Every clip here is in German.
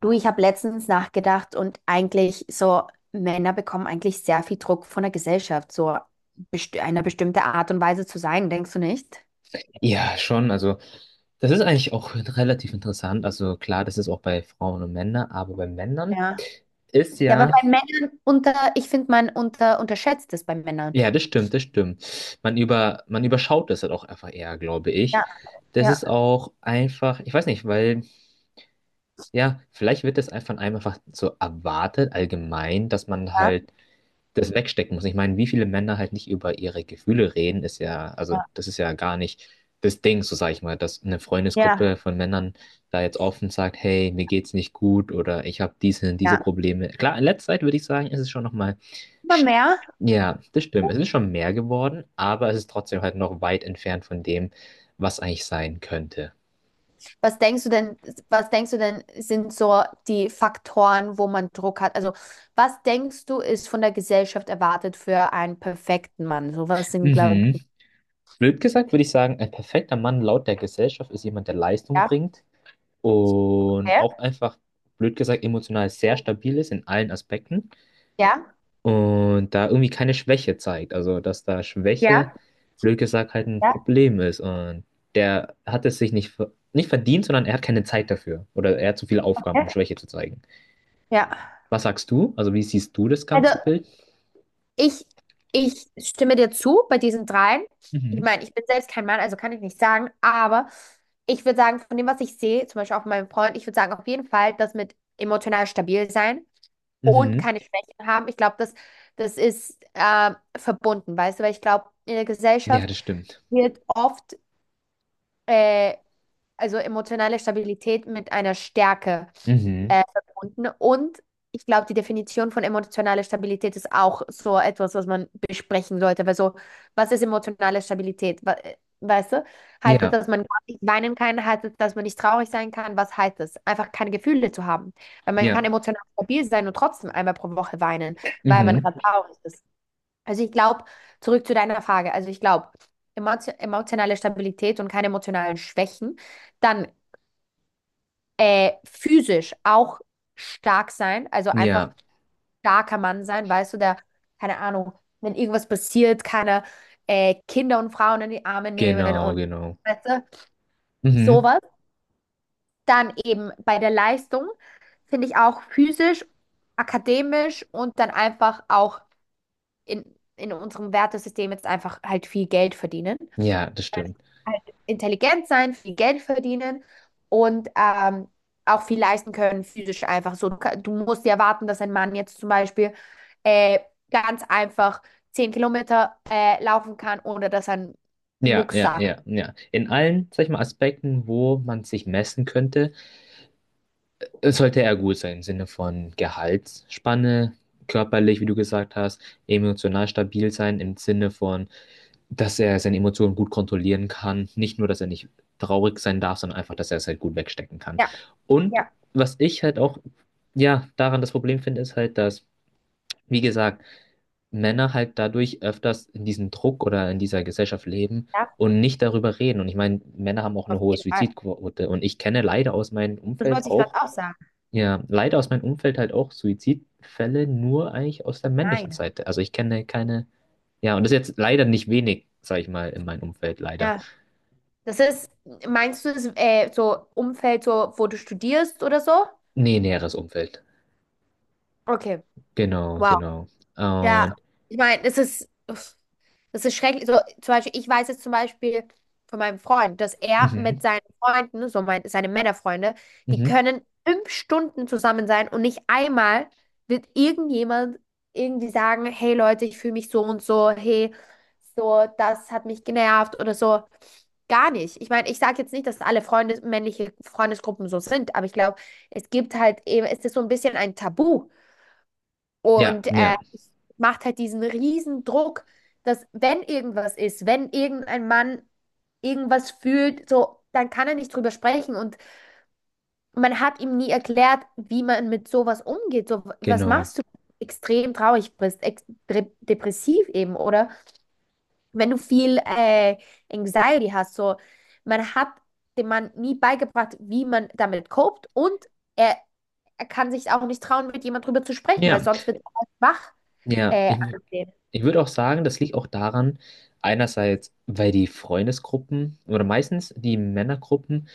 Du, ich habe letztens nachgedacht und eigentlich so, Männer bekommen eigentlich sehr viel Druck von der Gesellschaft, so best einer bestimmte Art und Weise zu sein, denkst du nicht? Ja, schon. Also, das ist eigentlich auch relativ interessant. Also, klar, das ist auch bei Frauen und Männern, aber bei Männern Ja, ist ja, aber ja, bei Männern ich finde, man unterschätzt es bei Männern. ja, das stimmt, das stimmt. Man überschaut das halt auch einfach eher, glaube ich. Ja, Das ja, ist auch einfach, ich weiß nicht, weil, ja, vielleicht wird das einfach von einem einfach so erwartet, allgemein, dass man ja, halt das wegstecken muss. Ich meine, wie viele Männer halt nicht über ihre Gefühle reden, ist ja, also ja, das ist ja gar nicht das Ding, so sage ich mal, dass eine ja. Freundesgruppe von Männern da jetzt offen sagt, hey, mir geht's nicht gut oder ich habe diese Ja. Probleme. Klar, in letzter Zeit würde ich sagen, ist es schon nochmal, Aber mehr, ja, das stimmt, es ist schon mehr geworden, aber es ist trotzdem halt noch weit entfernt von dem, was eigentlich sein könnte. was denkst du denn, was denkst du denn, sind so die Faktoren, wo man Druck hat? Also, was denkst du, ist von der Gesellschaft erwartet für einen perfekten Mann? So was sind, glaube ich. Mhm. Blöd gesagt würde ich sagen, ein perfekter Mann laut der Gesellschaft ist jemand, der Leistung Ja, bringt und okay. auch einfach, blöd gesagt, emotional sehr stabil ist in allen Aspekten Ja. und da irgendwie keine Schwäche zeigt. Also, dass da Schwäche, Ja, blöd gesagt, halt ein ja. Problem ist und der hat es sich nicht, nicht verdient, sondern er hat keine Zeit dafür oder er hat zu viele Aufgaben, Ja. um Schwäche zu zeigen. Ja. Was sagst du? Also, wie siehst du das ganze Also Bild? ich, ich stimme dir zu bei diesen dreien. Ich Mhm. meine, ich bin selbst kein Mann, also kann ich nicht sagen, aber ich würde sagen, von dem, was ich sehe, zum Beispiel auch von meinem Freund, ich würde sagen, auf jeden Fall, das mit emotional stabil sein und Mhm. keine Schwächen haben. Ich glaube, das ist verbunden, weißt du, weil ich glaube, in der Ja, das Gesellschaft stimmt. wird oft äh, also emotionale Stabilität mit einer Stärke Mhm. Verbunden. Und ich glaube, die Definition von emotionaler Stabilität ist auch so etwas, was man besprechen sollte. Weil so, was ist emotionale Stabilität? Weißt du? Heißt es, Ja, dass man nicht weinen kann? Heißt es, dass man nicht traurig sein kann? Was heißt es? Einfach keine Gefühle zu haben. Weil man kann ja. emotional stabil sein und trotzdem einmal pro Woche weinen, weil man Mhm. gerade traurig ist. Also ich glaube, zurück zu deiner Frage, also ich glaube, emotionale Stabilität und keine emotionalen Schwächen, dann physisch auch stark sein, also einfach Ja, starker Mann sein, weißt du, der, keine Ahnung, wenn irgendwas passiert, keine Kinder und Frauen in die Arme nehmen genau, und genau. weißt du, Mhm. sowas. Dann eben bei der Leistung finde ich auch physisch, akademisch und dann einfach auch in, in unserem Wertesystem jetzt einfach halt viel Geld verdienen. Ja, das stimmt. Halt intelligent sein, viel Geld verdienen und auch viel leisten können, physisch einfach so. Du, du musst ja erwarten, dass ein Mann jetzt zum Beispiel äh, ganz einfach 10 Kilometer laufen kann, ohne dass er einen Ja, Mucks ja, sagt. ja, ja. In allen, sag ich mal, Aspekten, wo man sich messen könnte, sollte er gut sein, im Sinne von Gehaltsspanne, körperlich, wie du gesagt hast, emotional stabil sein, im Sinne von, dass er seine Emotionen gut kontrollieren kann. Nicht nur, dass er nicht traurig sein darf, sondern einfach, dass er es halt gut wegstecken kann. Ja, Und ja, was ich halt auch, ja, daran das Problem finde, ist halt, dass, wie gesagt, Männer halt dadurch öfters in diesem Druck oder in dieser Gesellschaft leben ja, und nicht darüber reden. Und ich meine, Männer haben auch auf eine hohe jeden Fall. Suizidquote. Und ich kenne leider aus meinem Das Umfeld wollte ich gerade auch, auch sagen. ja, leider aus meinem Umfeld halt auch Suizidfälle nur eigentlich aus der männlichen Nein. Seite. Also ich kenne keine, ja, und das ist jetzt leider nicht wenig, sag ich mal, in meinem Umfeld, leider. Ja, das ist, meinst du, das, so Umfeld, so, wo du studierst oder so? Nee, näheres Umfeld. Okay. Genau, Wow. genau. Ja, Und, ich meine, es ist, uff, es ist schrecklich. So, zum Beispiel, ich weiß jetzt zum Beispiel von meinem Freund, dass er mhm, mit seinen Freunden, so seine Männerfreunde, die mhm. können 5 Stunden zusammen sein und nicht einmal wird irgendjemand irgendwie sagen, hey Leute, ich fühle mich so und so, hey, so, das hat mich genervt oder so. Gar nicht. Ich meine, ich sage jetzt nicht, dass alle männliche Freundesgruppen so sind, aber ich glaube, es gibt halt eben, es ist so ein bisschen ein Tabu. Ja, Und ja, es macht halt diesen riesen Druck, dass wenn irgendwas ist, wenn irgendein Mann irgendwas fühlt, so, dann kann er nicht drüber sprechen. Und man hat ihm nie erklärt, wie man mit sowas umgeht. So, was genau. machst du, wenn du extrem traurig bist, depressiv eben, oder wenn du viel Anxiety hast, so, man hat dem Mann nie beigebracht, wie man damit copt und er, er kann sich auch nicht trauen, mit jemand drüber zu sprechen, weil Ja. sonst wird er als schwach Ja, ich, angesehen. ich würde auch sagen, das liegt auch daran, einerseits, weil die Freundesgruppen oder meistens die Männergruppen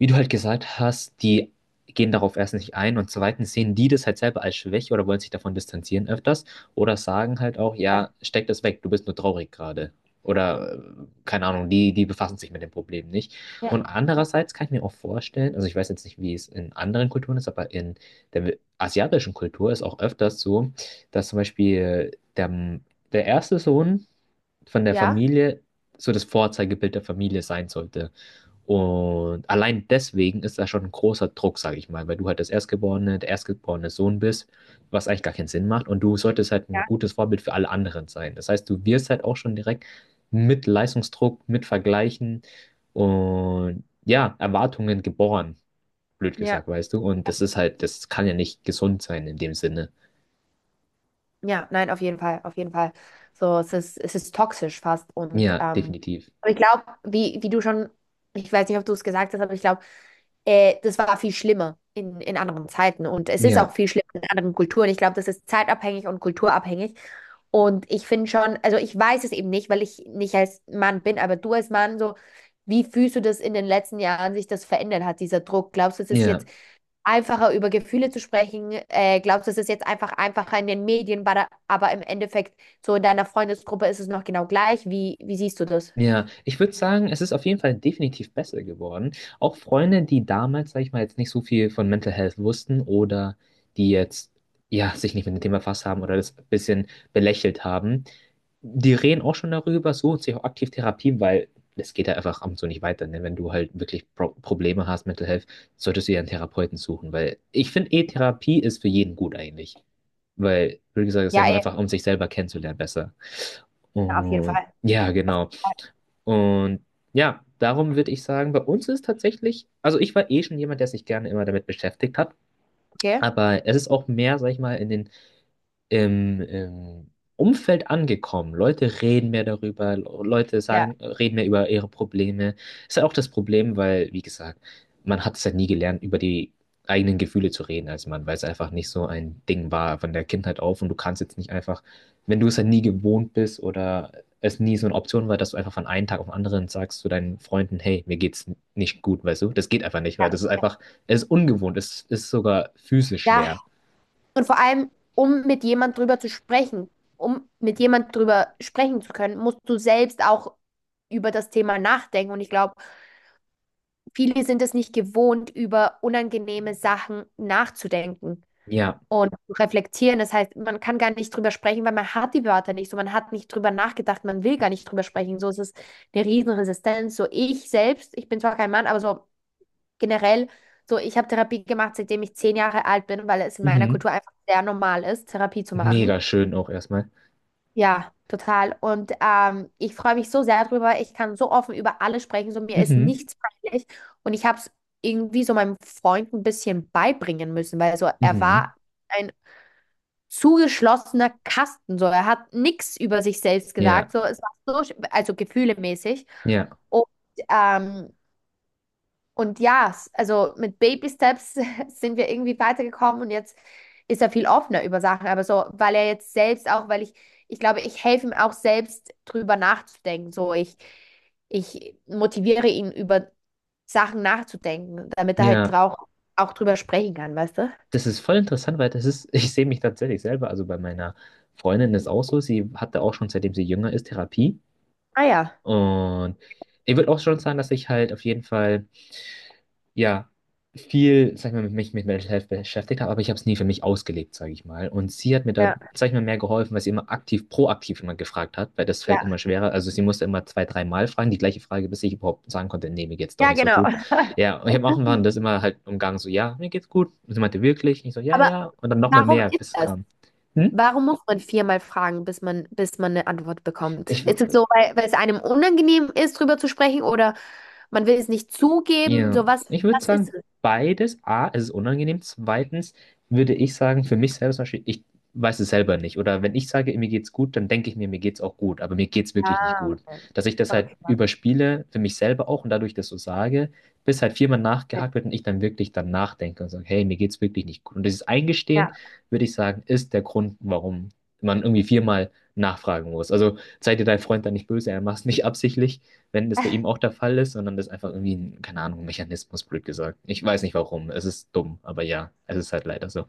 wie du halt gesagt hast, die gehen darauf erstens nicht ein und zweitens sehen die das halt selber als Schwäche oder wollen sich davon distanzieren öfters oder sagen halt auch, Ja, ja, steck das weg, du bist nur traurig gerade. Oder keine Ahnung, die befassen sich mit dem Problem nicht. Und ja, ja, andererseits kann ich mir auch vorstellen, also ich weiß jetzt nicht, wie es in anderen Kulturen ist, aber in der asiatischen Kultur ist auch öfters so, dass zum Beispiel der, der erste Sohn von der ja. Familie so das Vorzeigebild der Familie sein sollte. Und allein deswegen ist da schon ein großer Druck, sage ich mal, weil du halt das Erstgeborene, der erstgeborene Sohn bist, was eigentlich gar keinen Sinn macht. Und du solltest halt ein gutes Vorbild für alle anderen sein. Das heißt, du wirst halt auch schon direkt mit Leistungsdruck, mit Vergleichen und ja, Erwartungen geboren, blöd Ja, gesagt, weißt du. Und das ist halt, das kann ja nicht gesund sein in dem Sinne. ja, nein, auf jeden Fall, auf jeden Fall. So, es ist, toxisch fast. Und Ja, definitiv. aber ich glaube, wie du schon, ich weiß nicht, ob du es gesagt hast, aber ich glaube, das war viel schlimmer in anderen Zeiten. Und es ist auch Ja, viel schlimmer in anderen Kulturen. Ich glaube, das ist zeitabhängig und kulturabhängig. Und ich finde schon, also ich weiß es eben nicht, weil ich nicht als Mann bin, aber du als Mann, so, wie fühlst du das in den letzten Jahren sich das verändert hat, dieser Druck? Glaubst du, es ist jetzt ja. einfacher über Gefühle zu sprechen. Glaubst du, es ist jetzt einfach einfacher in den Medien, aber im Endeffekt so in deiner Freundesgruppe ist es noch genau gleich. Wie siehst du das? Ja, ich würde sagen, es ist auf jeden Fall definitiv besser geworden. Auch Freunde, die damals, sag ich mal, jetzt nicht so viel von Mental Health wussten oder die jetzt, ja, sich nicht mit dem Thema befasst haben oder das ein bisschen belächelt haben, die reden auch schon darüber, suchen sich auch aktiv Therapie, weil es geht ja einfach ab und zu nicht weiter. Ne? Wenn du halt wirklich Probleme hast, Mental Health, solltest du dir einen Therapeuten suchen, weil ich finde, E-Therapie ist für jeden gut eigentlich. Weil, wie gesagt, es ist ja Ja, nur eh, einfach, um sich selber kennenzulernen, besser. ja, auf jeden Und Fall. ja, Auf genau. jeden Fall. Und ja, darum würde ich sagen, bei uns ist tatsächlich, also ich war eh schon jemand, der sich gerne immer damit beschäftigt hat, Okay. aber es ist auch mehr, sag ich mal, in den im Umfeld angekommen. Leute reden mehr darüber, Leute Ja, sagen, reden mehr über ihre Probleme. Ist ja auch das Problem, weil, wie gesagt, man hat es ja nie gelernt, über die eigenen Gefühle zu reden als Mann, weil es einfach nicht so ein Ding war von der Kindheit auf und du kannst jetzt nicht einfach, wenn du es ja nie gewohnt bist oder es nie so eine Option war, dass du einfach von einem Tag auf den anderen sagst zu deinen Freunden, hey, mir geht's nicht gut, weißt du? Das geht einfach nicht, weil ja. das ist einfach, es ist ungewohnt, es ist sogar physisch Ja, schwer. und vor allem, um mit jemand drüber zu sprechen, um mit jemand drüber sprechen zu können, musst du selbst auch über das Thema nachdenken. Und ich glaube, viele sind es nicht gewohnt, über unangenehme Sachen nachzudenken Ja. und zu reflektieren. Das heißt, man kann gar nicht drüber sprechen, weil man hat die Wörter nicht so, man hat nicht drüber nachgedacht, man will gar nicht drüber sprechen. So ist es eine Riesenresistenz. So ich selbst, ich bin zwar kein Mann, aber so generell, so ich habe Therapie gemacht, seitdem ich 10 Jahre alt bin, weil es in meiner Mhm. Kultur einfach sehr normal ist, Therapie zu machen. Mega schön auch erstmal. Ja, total. Und ich freue mich so sehr drüber. Ich kann so offen über alles sprechen. So mir ist Mhm. nichts peinlich. Und ich habe es irgendwie so meinem Freund ein bisschen beibringen müssen, weil so er Mhm. war ein zugeschlossener Kasten. So, er hat nichts über sich selbst gesagt. Ja, So, es war so, also gefühlemäßig. ja, Und, ähm, und ja, also mit Baby Steps sind wir irgendwie weitergekommen und jetzt ist er viel offener über Sachen. Aber so, weil er jetzt selbst auch, weil ich glaube, ich helfe ihm auch selbst drüber nachzudenken. So, ich motiviere ihn über Sachen nachzudenken, damit er halt ja. auch, drüber sprechen kann, weißt du? Das ist voll interessant, weil das ist, ich sehe mich tatsächlich selber, also bei meiner Freundin ist auch so, sie hatte auch schon, seitdem sie jünger ist, Therapie. Ah ja. Und ich würde auch schon sagen, dass ich halt auf jeden Fall. Ja, viel, sag ich mal, mit mich mit Mental Health beschäftigt habe, aber ich habe es nie für mich ausgelebt, sage ich mal. Und sie hat mir da, Ja. sag ich mal, mehr geholfen, weil sie immer aktiv, proaktiv immer gefragt hat, weil das fällt Ja, immer schwerer. Also sie musste immer zwei, dreimal fragen, die gleiche Frage, bis ich überhaupt sagen konnte, nee, mir geht's doch ja, nicht so genau. gut. Ja, und ich habe auch irgendwann das immer halt umgangen, so, ja, mir geht's gut. Und sie meinte, wirklich? Ich so, ja, Aber ja. Und dann nochmal warum mehr, ist bis es das? kam. Hm? Warum muss man viermal fragen, bis man, eine Antwort bekommt? Ich, Ist es so, weil es einem unangenehm ist, drüber zu sprechen oder man will es nicht zugeben? Ja, So was, ich würde was ist sagen, es? beides. A, es ist unangenehm. Zweitens würde ich sagen, für mich selber zum Beispiel, ich weiß es selber nicht. Oder wenn ich sage, mir geht's gut, dann denke ich mir, mir geht's auch gut. Aber mir geht's wirklich nicht Ah, gut. okay. Dass ich das halt Okay. überspiele, für mich selber auch und dadurch das so sage, bis halt viermal Okay. nachgehakt wird und ich dann wirklich dann nachdenke und sage, hey, mir geht's wirklich nicht gut. Und dieses Ja. Eingestehen, würde ich sagen, ist der Grund, warum man irgendwie viermal nachfragen muss. Also sei dir dein Freund dann nicht böse, er macht es nicht absichtlich wenn das bei ihm auch der Fall ist, sondern das einfach irgendwie ein, keine Ahnung, Mechanismus, blöd gesagt. Ich weiß nicht warum. Es ist dumm, aber ja, es ist halt leider so.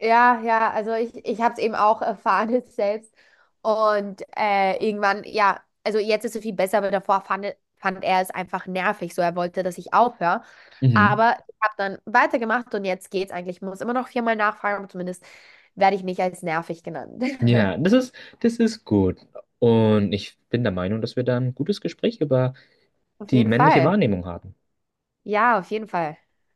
Ja, ja, also ich habe es eben auch erfahren jetzt selbst. Und irgendwann, ja, also jetzt ist es viel besser, aber davor fand er es einfach nervig. So, er wollte, dass ich aufhöre. Mhm. Aber ich habe dann weitergemacht und jetzt geht's eigentlich. Ich muss immer noch viermal nachfragen, aber zumindest werde ich nicht als nervig genannt. Ja, das ist gut. Und ich bin der Meinung, dass wir da ein gutes Gespräch über Auf die jeden männliche Fall. Wahrnehmung haben. Ja, auf jeden Fall.